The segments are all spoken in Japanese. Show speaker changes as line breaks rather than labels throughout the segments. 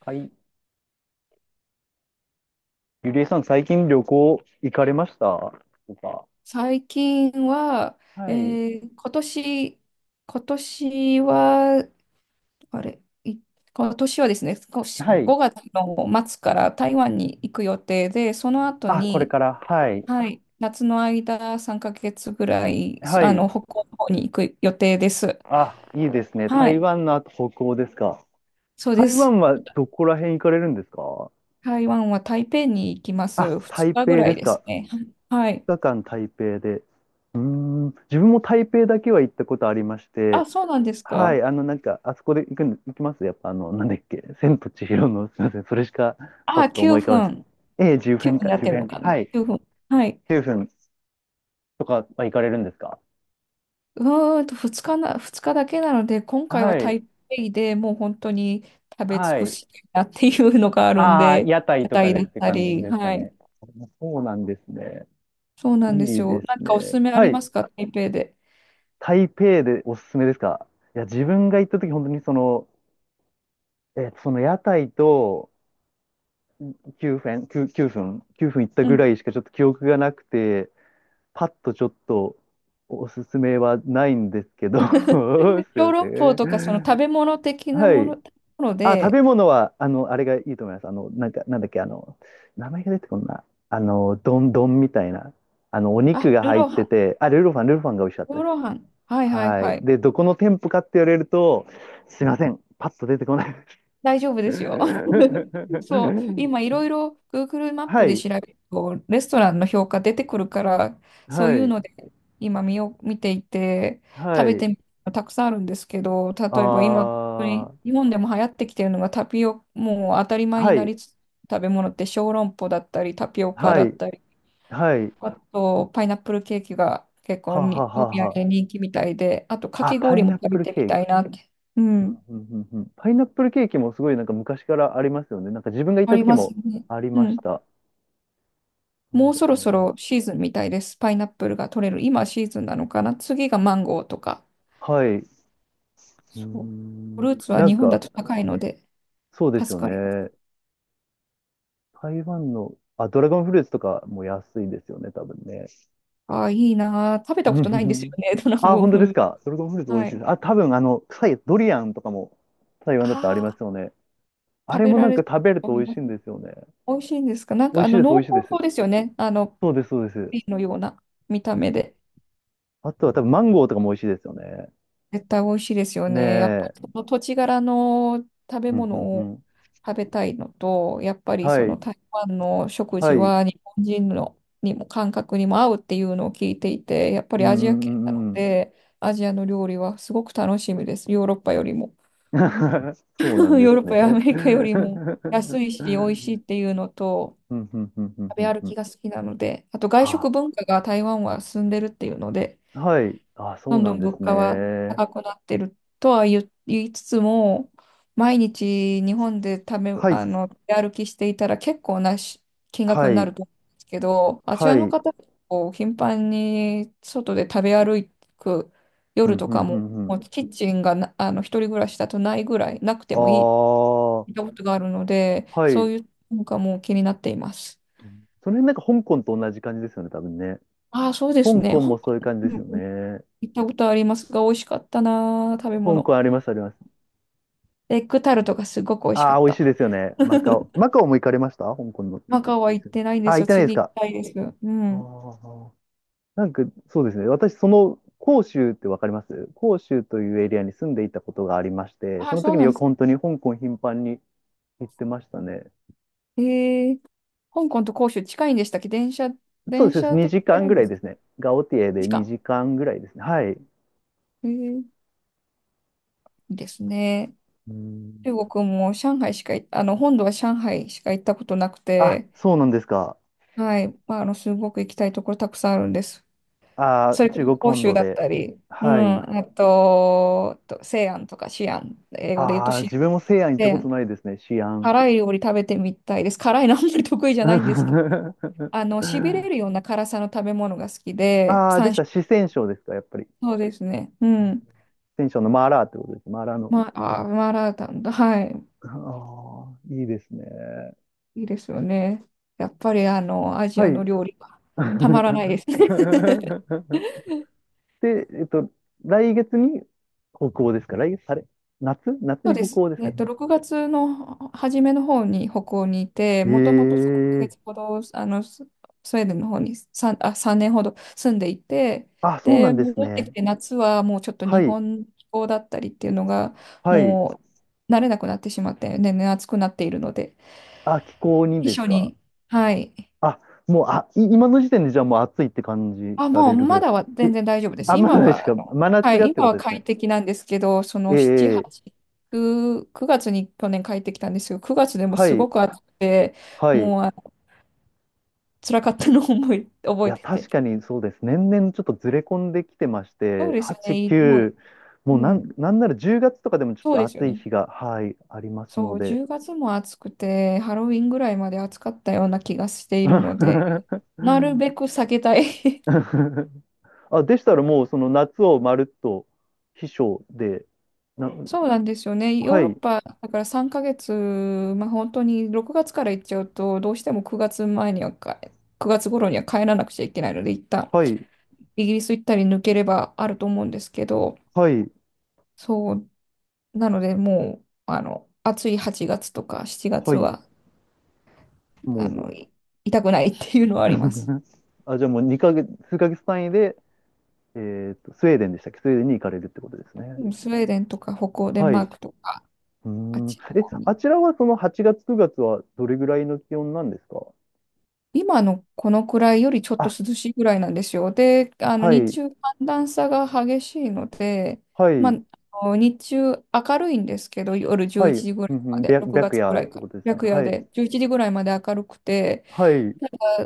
はい。ゆりえさん、最近旅行行かれましたとか？
最近は、え
はい。
ー今年、今年は、あれ、い今年はですね、少し
はい。
5月の末から台湾に行く予定で、その後
あ、これ
に、
から。はい。
はい、夏の間3ヶ月ぐらい、
はい。
北欧の方に行く予定です。
あ、いいですね。
は
台
い、
湾の後、北欧ですか？
そうで
台
す。
湾はどこら辺行かれるんですか？
台湾は台北に行きま
あ、
す。2
台
日ぐ
北
ら
で
い
す
です
か？
ね。はい。
2日間台北で。うーん。自分も台北だけは行ったことありまし
あ、
て。
そうなんです
はい。
か。
あの、なんか、あそこで行くん、行きますやっぱ、あの、なんだっけ。千と千尋の、すみません。それしか、パ
あ、
ッと思
9
い浮かばないです。
分。
ええ、10
9
分
分
か、
やっ
10
てるの
分。
かな。
はい。
9分。はい。
10分。とかは行かれるんですか？
2日な、二日だけなので、今回は
はい。
台北でもう本当に食べ尽
は
く
い。
したいなっていうのがあるん
ああ、
で、
屋台
屋
とか
台
でっ
だっ
て
た
感じ
り、
ですか
はい。
ね。そうなんですね。
そう
い
なんです
い
よ。
です
なんかおす
ね。
すめあ
は
り
い。
ますか、台北で。
台北でおすすめですか？いや、自分が行った時、本当にその、その屋台と9分行った
う
ぐら
ん。
いしかちょっと記憶がなくて、パッとちょっとおすすめはないんですけど、すい
小
ませ
籠包とか、その食
ん。
べ物的な
はい。
もの
あ、食
で、
べ物は、あの、あれがいいと思います。あの、なんか、なんだっけ、あの、名前が出てこんな。あの、丼みたいな。あの、お肉
あ、
が
ルー
入っ
ロー
て
ハ
て、あ、ルルファンが美味しかっ
ン、
た
ルー
です。
ローハン。はいはい
は
は
い。
い。
で、どこの店舗かって言われると、すいません。パッと出てこないです。
大丈夫ですよ。そう、今い ろいろ Google マッ
は
プで
い。
調べると、レストランの評価出てくるから、そう
は
いう
い。
ので今見ていて、食
は
べ
い。
てみるのたくさんあるんですけど、例えば今、本当
あ
に
ー。
日本でも流行ってきてるのがタピオ、もう当たり前に
は
な
い。
りつつ食べ物って小籠包だったり、タピオカ
は
だっ
い。
たり、
はい。
あとパイナップルケーキが結構
は
に
は
お
は
土
は。
産人気みたいで、あとか
あ、
き
パ
氷
イ
も
ナッ
食
プ
べ
ル
てみ
ケー
たい
キ。
なって、う
う
ん、
んうんうんうん、パイナップルケーキもすごいなんか昔からありますよね。なんか自分が行っ
あ
た
り
時
ます
も
ね。
あり
う
ま
ん、
した。そ
も
う
う
だ
そろそろ
よ
シーズンみたいです。パイナップルが取れる。今シーズンなのかな。次がマンゴーとか。
な。はい。うー
そう。フ
ん。
ルーツは
なん
日本だ
か、
と高いので
そうです
助
よ
かります。
ね。台湾の、あ、ドラゴンフルーツとかも安いですよね、多分ね。
ああ、いいなあ。食べた
うん
こ
う
とない
ん
んです
う
よ
ん。
ね。ドラ
あ、
ゴン
本当
フ
で
ル
す
ーツ。
か。ドラゴンフルーツ美味
は
しいで
い。
す。あ、多分あの、臭いドリアンとかも台湾だったらあり
あ
ます
あ、
よね。あ
食
れ
べ
も
ら
なん
れる
か
と
食べると
思
美
い
味
ま
しい
す。
んですよね。
美味しいんですか？なん
美
か
味しいです、美
濃
味しいで
厚そ
す。
うですよね。
そうです、そうです。
ピーのような見た目で。
あとは多分マンゴーとかも美味しいですよね。
絶対美味しいですよ
ね
ね。やっぱり
え。
その土地柄の食べ
うんう
物
んう
を
ん。
食べたいのと、やっぱりそ
は
の
い、
台湾の食
は
事
い、うん
は日本人のにも感覚にも合うっていうのを聞いていて、やっぱ
う
りアジア
んう
系なの
んうん。
で、アジアの料理はすごく楽しみです。ヨーロッパよりも。
そうなん で
ヨーロッ
す
パやアメ
ね。う
リカよりも安
ん
いし美味しいっていうのと、
うんうんうんう
食べ
ん
歩
う
き
ん。
が好きなので、あと外
あ、
食文化が台湾は進んでるっていうので、
はい、あ、そ
ど
う
ん
な
ど
ん
ん
で
物
す
価は
ね。
高くなってるとは言いつつも、毎日日本で
はい、
出歩きしていたら結構なし金額
は
にな
い、
ると思うんですけど、あち
は
ら
い、う
の方、
ん
こう頻繁に外で食べ歩く
う
夜
ん
と
う
か
ん
も、
うん。
もうキッチンがな、一人暮らしだとないぐらい、なく
あ
てもいい、聞いた
あ、
ことがあるので、
は
そ
い。
ういう文化も気になっています。
その辺なんか香港と同じ感じですよね、多分ね。
ああ、そうです
香
ね。
港も
香
そ
港、
ういう感
う
じ
ん
ですよ
うん、
ね。
行ったことありますが、美味しかったな、食べ
香港
物。
あります、あります。
エッグタルトがすごく美味しか
ああ、
っ
美味しい
た。
ですよね。マカオ。マカオも行かれました香港の。
マカオは行ってないん
あ
で
あ、
す
行っ
よ。
てないです
次行き
か。
たいです。う
あ
ん。
あ。なんか、そうですね。私、その、広州ってわかります？広州というエリアに住んでいたことがありまして、そ
あ、
の
そ
時
う
に
なん
よ
で
く
す。
本当に香港頻繁に行ってましたね。
えー、香港と広州近いんでしたっけ？電車、
そう
電
です。
車で行
2時
け
間
る
ぐ
ん
ら
で
い
す
で
か？
すね。ガオティエで
時間。
2時間ぐらいですね。はい。
いいですね。
うん。
中国も上海しかい、本土は上海しか行ったことなく
あ、
て、
そうなんですか。
はい。まあ、すごく行きたいところたくさんあるんです。
あ
そ
ー、
れこ
中
そ
国
広
本
州
土
だっ
で。
たり、う
はい。
ん、あと、西安とか西安、英語で言うと
ああ、
西安。
自分も西安行った
西
こと
安
ないですね。西安。
辛い料理食べてみたいです。辛いのあんまり得意じゃないんですけど、しびれるような辛さの食べ物が好きで、
ああ、で
三
し
種。
た。四川省ですか、やっぱり。
そうですね。うん。
四川省のマーラーってことです。マーラーの。
まあ、マーラータンだ。はい。
ああ、いいですね。
いいですよね。やっぱり、アジ
は
ア
い。
の料理はたまらないですね。
で、来月に北欧ですか？来月、あれ、夏
そう
に
で
北
す。
欧ですか？
6月の初めの方に北欧にいて、もとも
え
と3ヶ
え。
月ほど、スウェーデンの方に3年ほど住んでいて、
あ、そうな
で、
んです
戻ってき
ね。
て夏はもうちょっと
は
日
い。
本の気候だったりっていうのが、
はい。
もう慣れなくなってしまって、年々暑くなっているので、
あ、気候に
避
です
暑
か？
に、はい。
あ、もう、今の時点でじゃあもう暑いって感じ
あ、
ら
も
れ
う
るぐら
ま
いで
だ
す。
は
え、
全然大丈夫です。
あ、まだ
今
ないです
は、
か、真
は
夏が
い、
って
今
こ
は
とですね。
快適なんですけど、その7、
ええ。
8、9月に去年帰ってきたんですよ。9月でも
は
す
い。
ごく暑くて、
はい。
もう辛かったのを
い
覚え
や、
てて。
確かにそうです。年々ちょっとずれ込んできてまし
そう
て、
ですよ
8、
ね。もう、
9、もう
う
なん、
ん、
なんなら10月とかでもちょっ
そう
と
ですよ
暑い
ね。
日が、はい、あります
そ
の
う、
で。
10月も暑くて、ハロウィンぐらいまで暑かったような気がしているので、なるべく避けたい。
あ、でしたらもうその夏をまるっと秘書で、な、
そうなんですよね。ヨ
は
ーロッ
い、
パだから3ヶ月、まあ、本当に6月から行っちゃうと、どうしても9月頃には帰らなくちゃいけないので、一旦
はい、
イギリス行ったり抜ければあると思うんですけど、
はい、
そう、なのでもう、暑い8月とか7
は
月
い、
は、あ
も
の、い痛くないっていうの
う
はあります。
あ、じゃあもう2ヶ月、数ヶ月単位で、スウェーデンに行かれるってことですね。
スウェーデンとか北欧、デン
はい。
マー
う
クとか、
ー
あっ
ん。
ちの
え、
方
あ
に
ちらはその8月、9月はどれぐらいの気温なんですか？
今のこのくらいよりちょっと
あ、
涼しいぐらいなんですよ。で、
は
日
い、
中寒暖差が激しいので、
は
まあ、
い、
日中明るいんですけど、夜
は
11
い、う
時ぐらい
ん
ま
うん、
で、6
白
月ぐ
夜
ら
っ
い
て
から、
ことですね。
白夜
はい、
で11時ぐらいまで明るくて、
はい、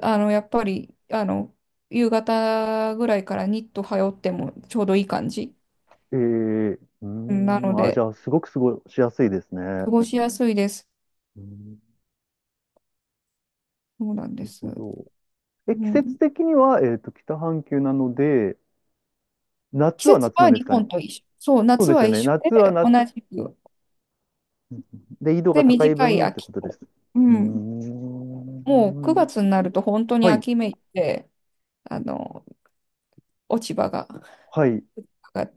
やっぱり夕方ぐらいからニット羽織ってもちょうどいい感じ
うー
なの
ん、あ、じ
で、
ゃあ、すごく過ごしやすいですね。
過
う
ごしやすいです。
ーん、
そうなんで
なる
す。
ほど。え、
う
季節
ん、
的には、北半球なので、
季
夏は
節
夏な
は
んです
日
かね。
本と一緒。そう、
そう
夏
です
は
よ
一
ね。
緒
夏は
で、同
夏、
じく。
うんうん、で、緯度が
で、
高い
短い
分って
秋
ことです。
子。う
うー
ん。もう
ん。
9月になると本当に
はい、
秋めいて、あの、落ち葉が、
はい、うん
が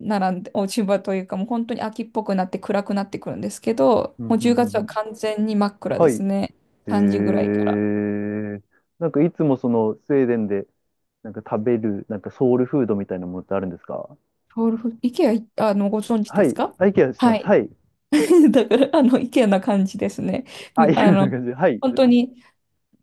並んで、落ち葉というかもう本当に秋っぽくなって暗くなってくるんですけど、
う
も
ん
う
う
10月
んう
は
ん、
完全に真っ暗
は
で
い。
す
へ
ね。3時ぐらいから。
え。なんかいつもそのスウェーデンでなんか食べるなんかソウルフードみたいなものってあるんですか？
ソウルフ、イケア、ご存知
は
です
い。
か？
あ、イケアしてま
は
す。
い。
はい。
だから、イケアな感じですね。
あ、
み
イケア
あ
な
の、
感じで。はい。
本当に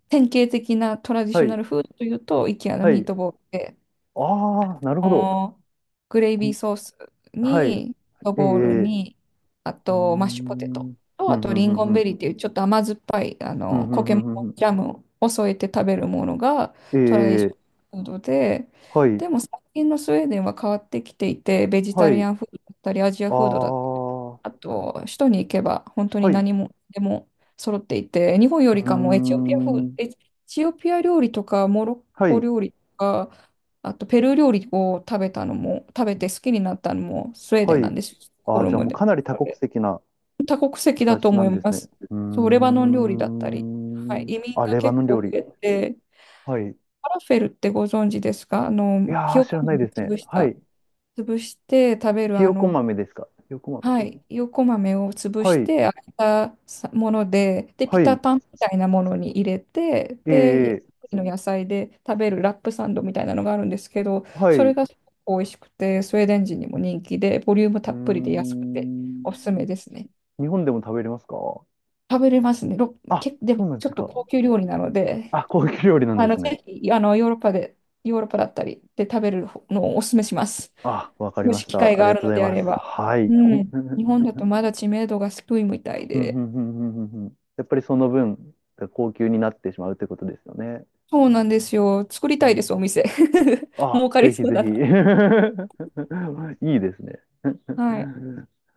典型的なトラディ
は
ショナ
い。
ルフードというと、イケアの
は
ミー
い。
トボールで、
ああ、なる
あ
ほど。
のグレイビーソース
はい。
に、ド
ええ。
ボール
う
に、あ
ー
と、マッシュポテ
ん。う
ト
ん、
と、
う
あと、リ
ん、う
ン
ん、
ゴ
う
ンベ
ん。
リーっていう、ちょっと甘酸っぱい、
うん、うん、う
苔の
ん、うんうん、
ジャムを添えて食べるものが
え
トラディショナル
え。
フードで、
はい。
でも最近のスウェーデンは変わってきていて、ベジ
は
タリ
い。
アンフードだったり、アジア
あ
フードだったり
あ。は
あと、首都に行けば本当
い。
に
う
何もでも揃っていて、日本よ
ー
りかも
ん。
エチオピア料理とかモロッ
は
コ
い。
料理とか、あとペルー料理を食べたのも、食べて好きになったのもスウェーデ
は
ンな
い。
んですよ、ストック
あ
ホ
あ、
ル
じゃあ
ム
もう
で。
かなり多国籍な。
多国籍だと
形な
思
ん
い
です
ま
ね。
す。
うー
そう、レバノン料理だったり、はい、
ん。
移民
あ、
が
レバ
結
ノン
構
料
増
理。
えて、フ
はい。い
ァラフェルってご存知ですか？ひ
やー、
よ
知
こ
らない
豆
ですね。
を
はい。
潰して食べる
ひよこ豆ですか。ひよこ豆。
はい、横豆を潰
は
し
い。
て開いたさもので、で、ピ
は
タ
い。
パンみたいなものに入れて、で、
ええ。
の野菜で食べるラップサンドみたいなのがあるんですけど、
は
そ
い。
れ
う
がすごく美味しくて、スウェーデン人にも人気で、ボリューム
ー
たっぷりで安くておすすめ
ん。
ですね。
日本でも食べれますか？
食べれますね。
あ、
で
そ
も
うなん
ち
で
ょ
す
っと
か。
高級料理なので、
あ、高級料理なんですね。
ぜひ、ヨーロッパだったりで食べるのをおすすめします。
あ、わかり
も
ま
し
し
機会
た。あ
が
り
あ
がと
る
うご
の
ざい
であ
ま
れ
す。
ば。
はい。
う ん。
うん
日本だとまだ知名度が低いみたい
うんう
で。
んうんうんうん、やっぱりその分、高級になってしまうということですよね。
そうなんですよ。作り
う
たいで
ん。
す、お店。
あ、
儲かり
ぜひ
そう
ぜ
だ
ひ。
な。
いいですね。
はい。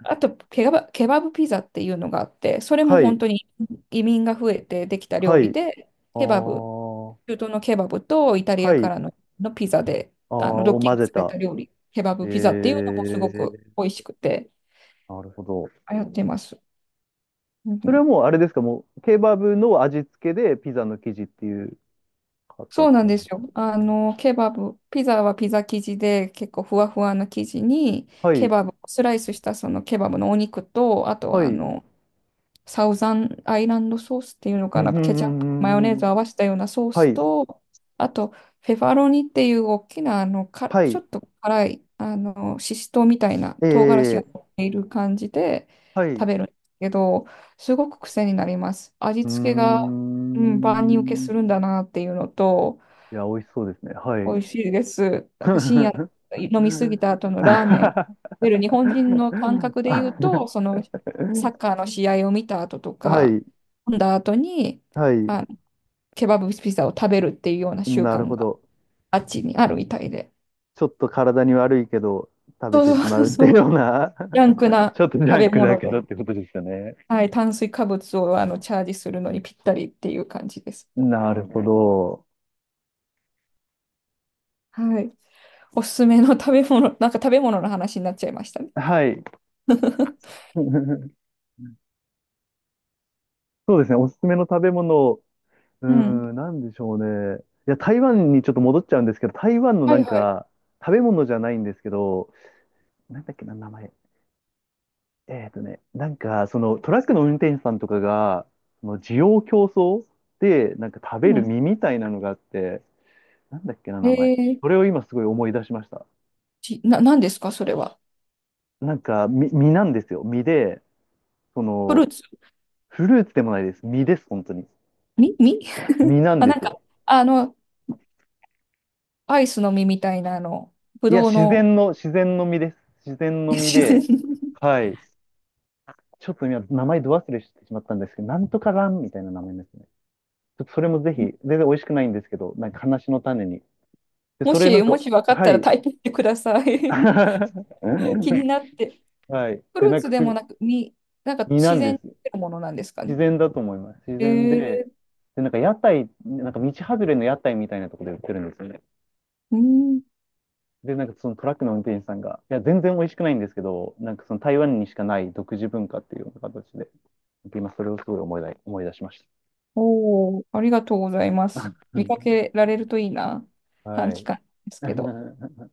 あと、ケバブピザっていうのがあって、それも
は
本
い、
当に移民が増えてできた
は
料理
い、
で、
あ
ケバブ、
ー、
中東のケバブとイタリ
は
アか
い、
らのピザで、
あー
ドッ
を
キン
混
グ
ぜ
され
た。
た料理、ケバ
え
ブピザっていうのもすごく
ー、
美味しくて、
なるほど。
流行ってます。うんう
それは
ん、
もうあれですか、もうケバブの味付けでピザの生地っていう
そう
形
なん
なん
で
で
す
す
よ。
ね。
ケバブ、ピザはピザ生地で結構ふわふわな生地に、
は
ケ
い、
バブ、スライスしたそのケバブのお肉と、あと
は
は
い、うん
サウザンアイランドソースっていうの
うん
かな、
うん
ケチャップ、マヨネー
うんう
ズ
ん、
合わせたようなソー
は
ス
い、
と、あと、フェファロニっていう大きな、
は
ちょ
い、
っと辛い、シシトウみたいな
え
唐辛子が
ー、
乗っている感じで
はい、
食
う
べるんですけど、すごく癖になります。味
ー
付けが、うん、万人受け
ん。
するんだなっていうのと、
いや、美味しそうですね。は
美
い。
味しいです。なんか深夜飲みすぎ た後のラーメン。
あ
出る日本人の感覚で言う と、そのサッカーの試合を見た後と
は
か、
い、
飲んだ後に
はい、
あケバブピザを食べるっていうような習
なる
慣
ほ
が
ど。
あっちにあるみたいで。
ちょっと体に悪いけど食べ
そ
て
う
しま
そうそう
うって
そ
いう
う。
ような
ジャンク
ち
な
ょっとジ
食
ャン
べ
クだ
物
け
で、
どってことですよね。
はい、炭水化物をチャージするのにぴったりっていう感じです。
なるほねど。
はい。おすすめの食べ物、なんか食べ物の話になっちゃいましたね。
はい。そうですね、おすすめの食べ物、うー
うん。
ん、なんでしょうね。いや、台湾にちょっと戻っちゃうんですけど、台湾の
は
な
い
ん
はい。
か、食べ物じゃないんですけど、なんだっけな、名前。なんか、そのトラックの運転手さんとかが、その需要競争で、なんか食べ
う
る
ん。
実みたいなのがあって、なんだっけな、
え
名前。
ー
それを今すごい思い出しました。
ち、な、なんですか、それは。
なんか、実、実なんですよ。実で、そ
フルー
の、
ツ
フルーツでもないです。実です、本当に。
み、み
実 なん
あ、
で
なん
す
か、
よ。
あの、アイスの実みたいな、ぶ
いや、
どう
自
の
然の、自然の実です。自然の 実
自
で、
然。
はい。ちょっと今、名前ど忘れしてしまったんですけど、なんとかランみたいな名前ですね。ちょっとそれもぜひ、全然美味しくないんですけど、なんか話の種に。で、
も
それな
し、
ん
も
か、
し分かっ
は
たら
い、
タイプしてください。気になって。
はい。
フ
で、
ルー
なん
ツ
か
でも
す、
なく、なんか
身な
自
ん
然
で
に
す。
出るものなんですかね。
自然だと思います。自
え
然で、
ー、
で、なんか屋台、なんか道外れの屋台みたいなところで売ってるんですよね。
うん、
で、なんかそのトラックの運転手さんが、いや、全然美味しくないんですけど、なんかその台湾にしかない独自文化っていうような形で、今それをすごい思い出しまし
おー、ありがとうございます。
た。
見かけられるといいな。
は
短期
い。
間ですけど。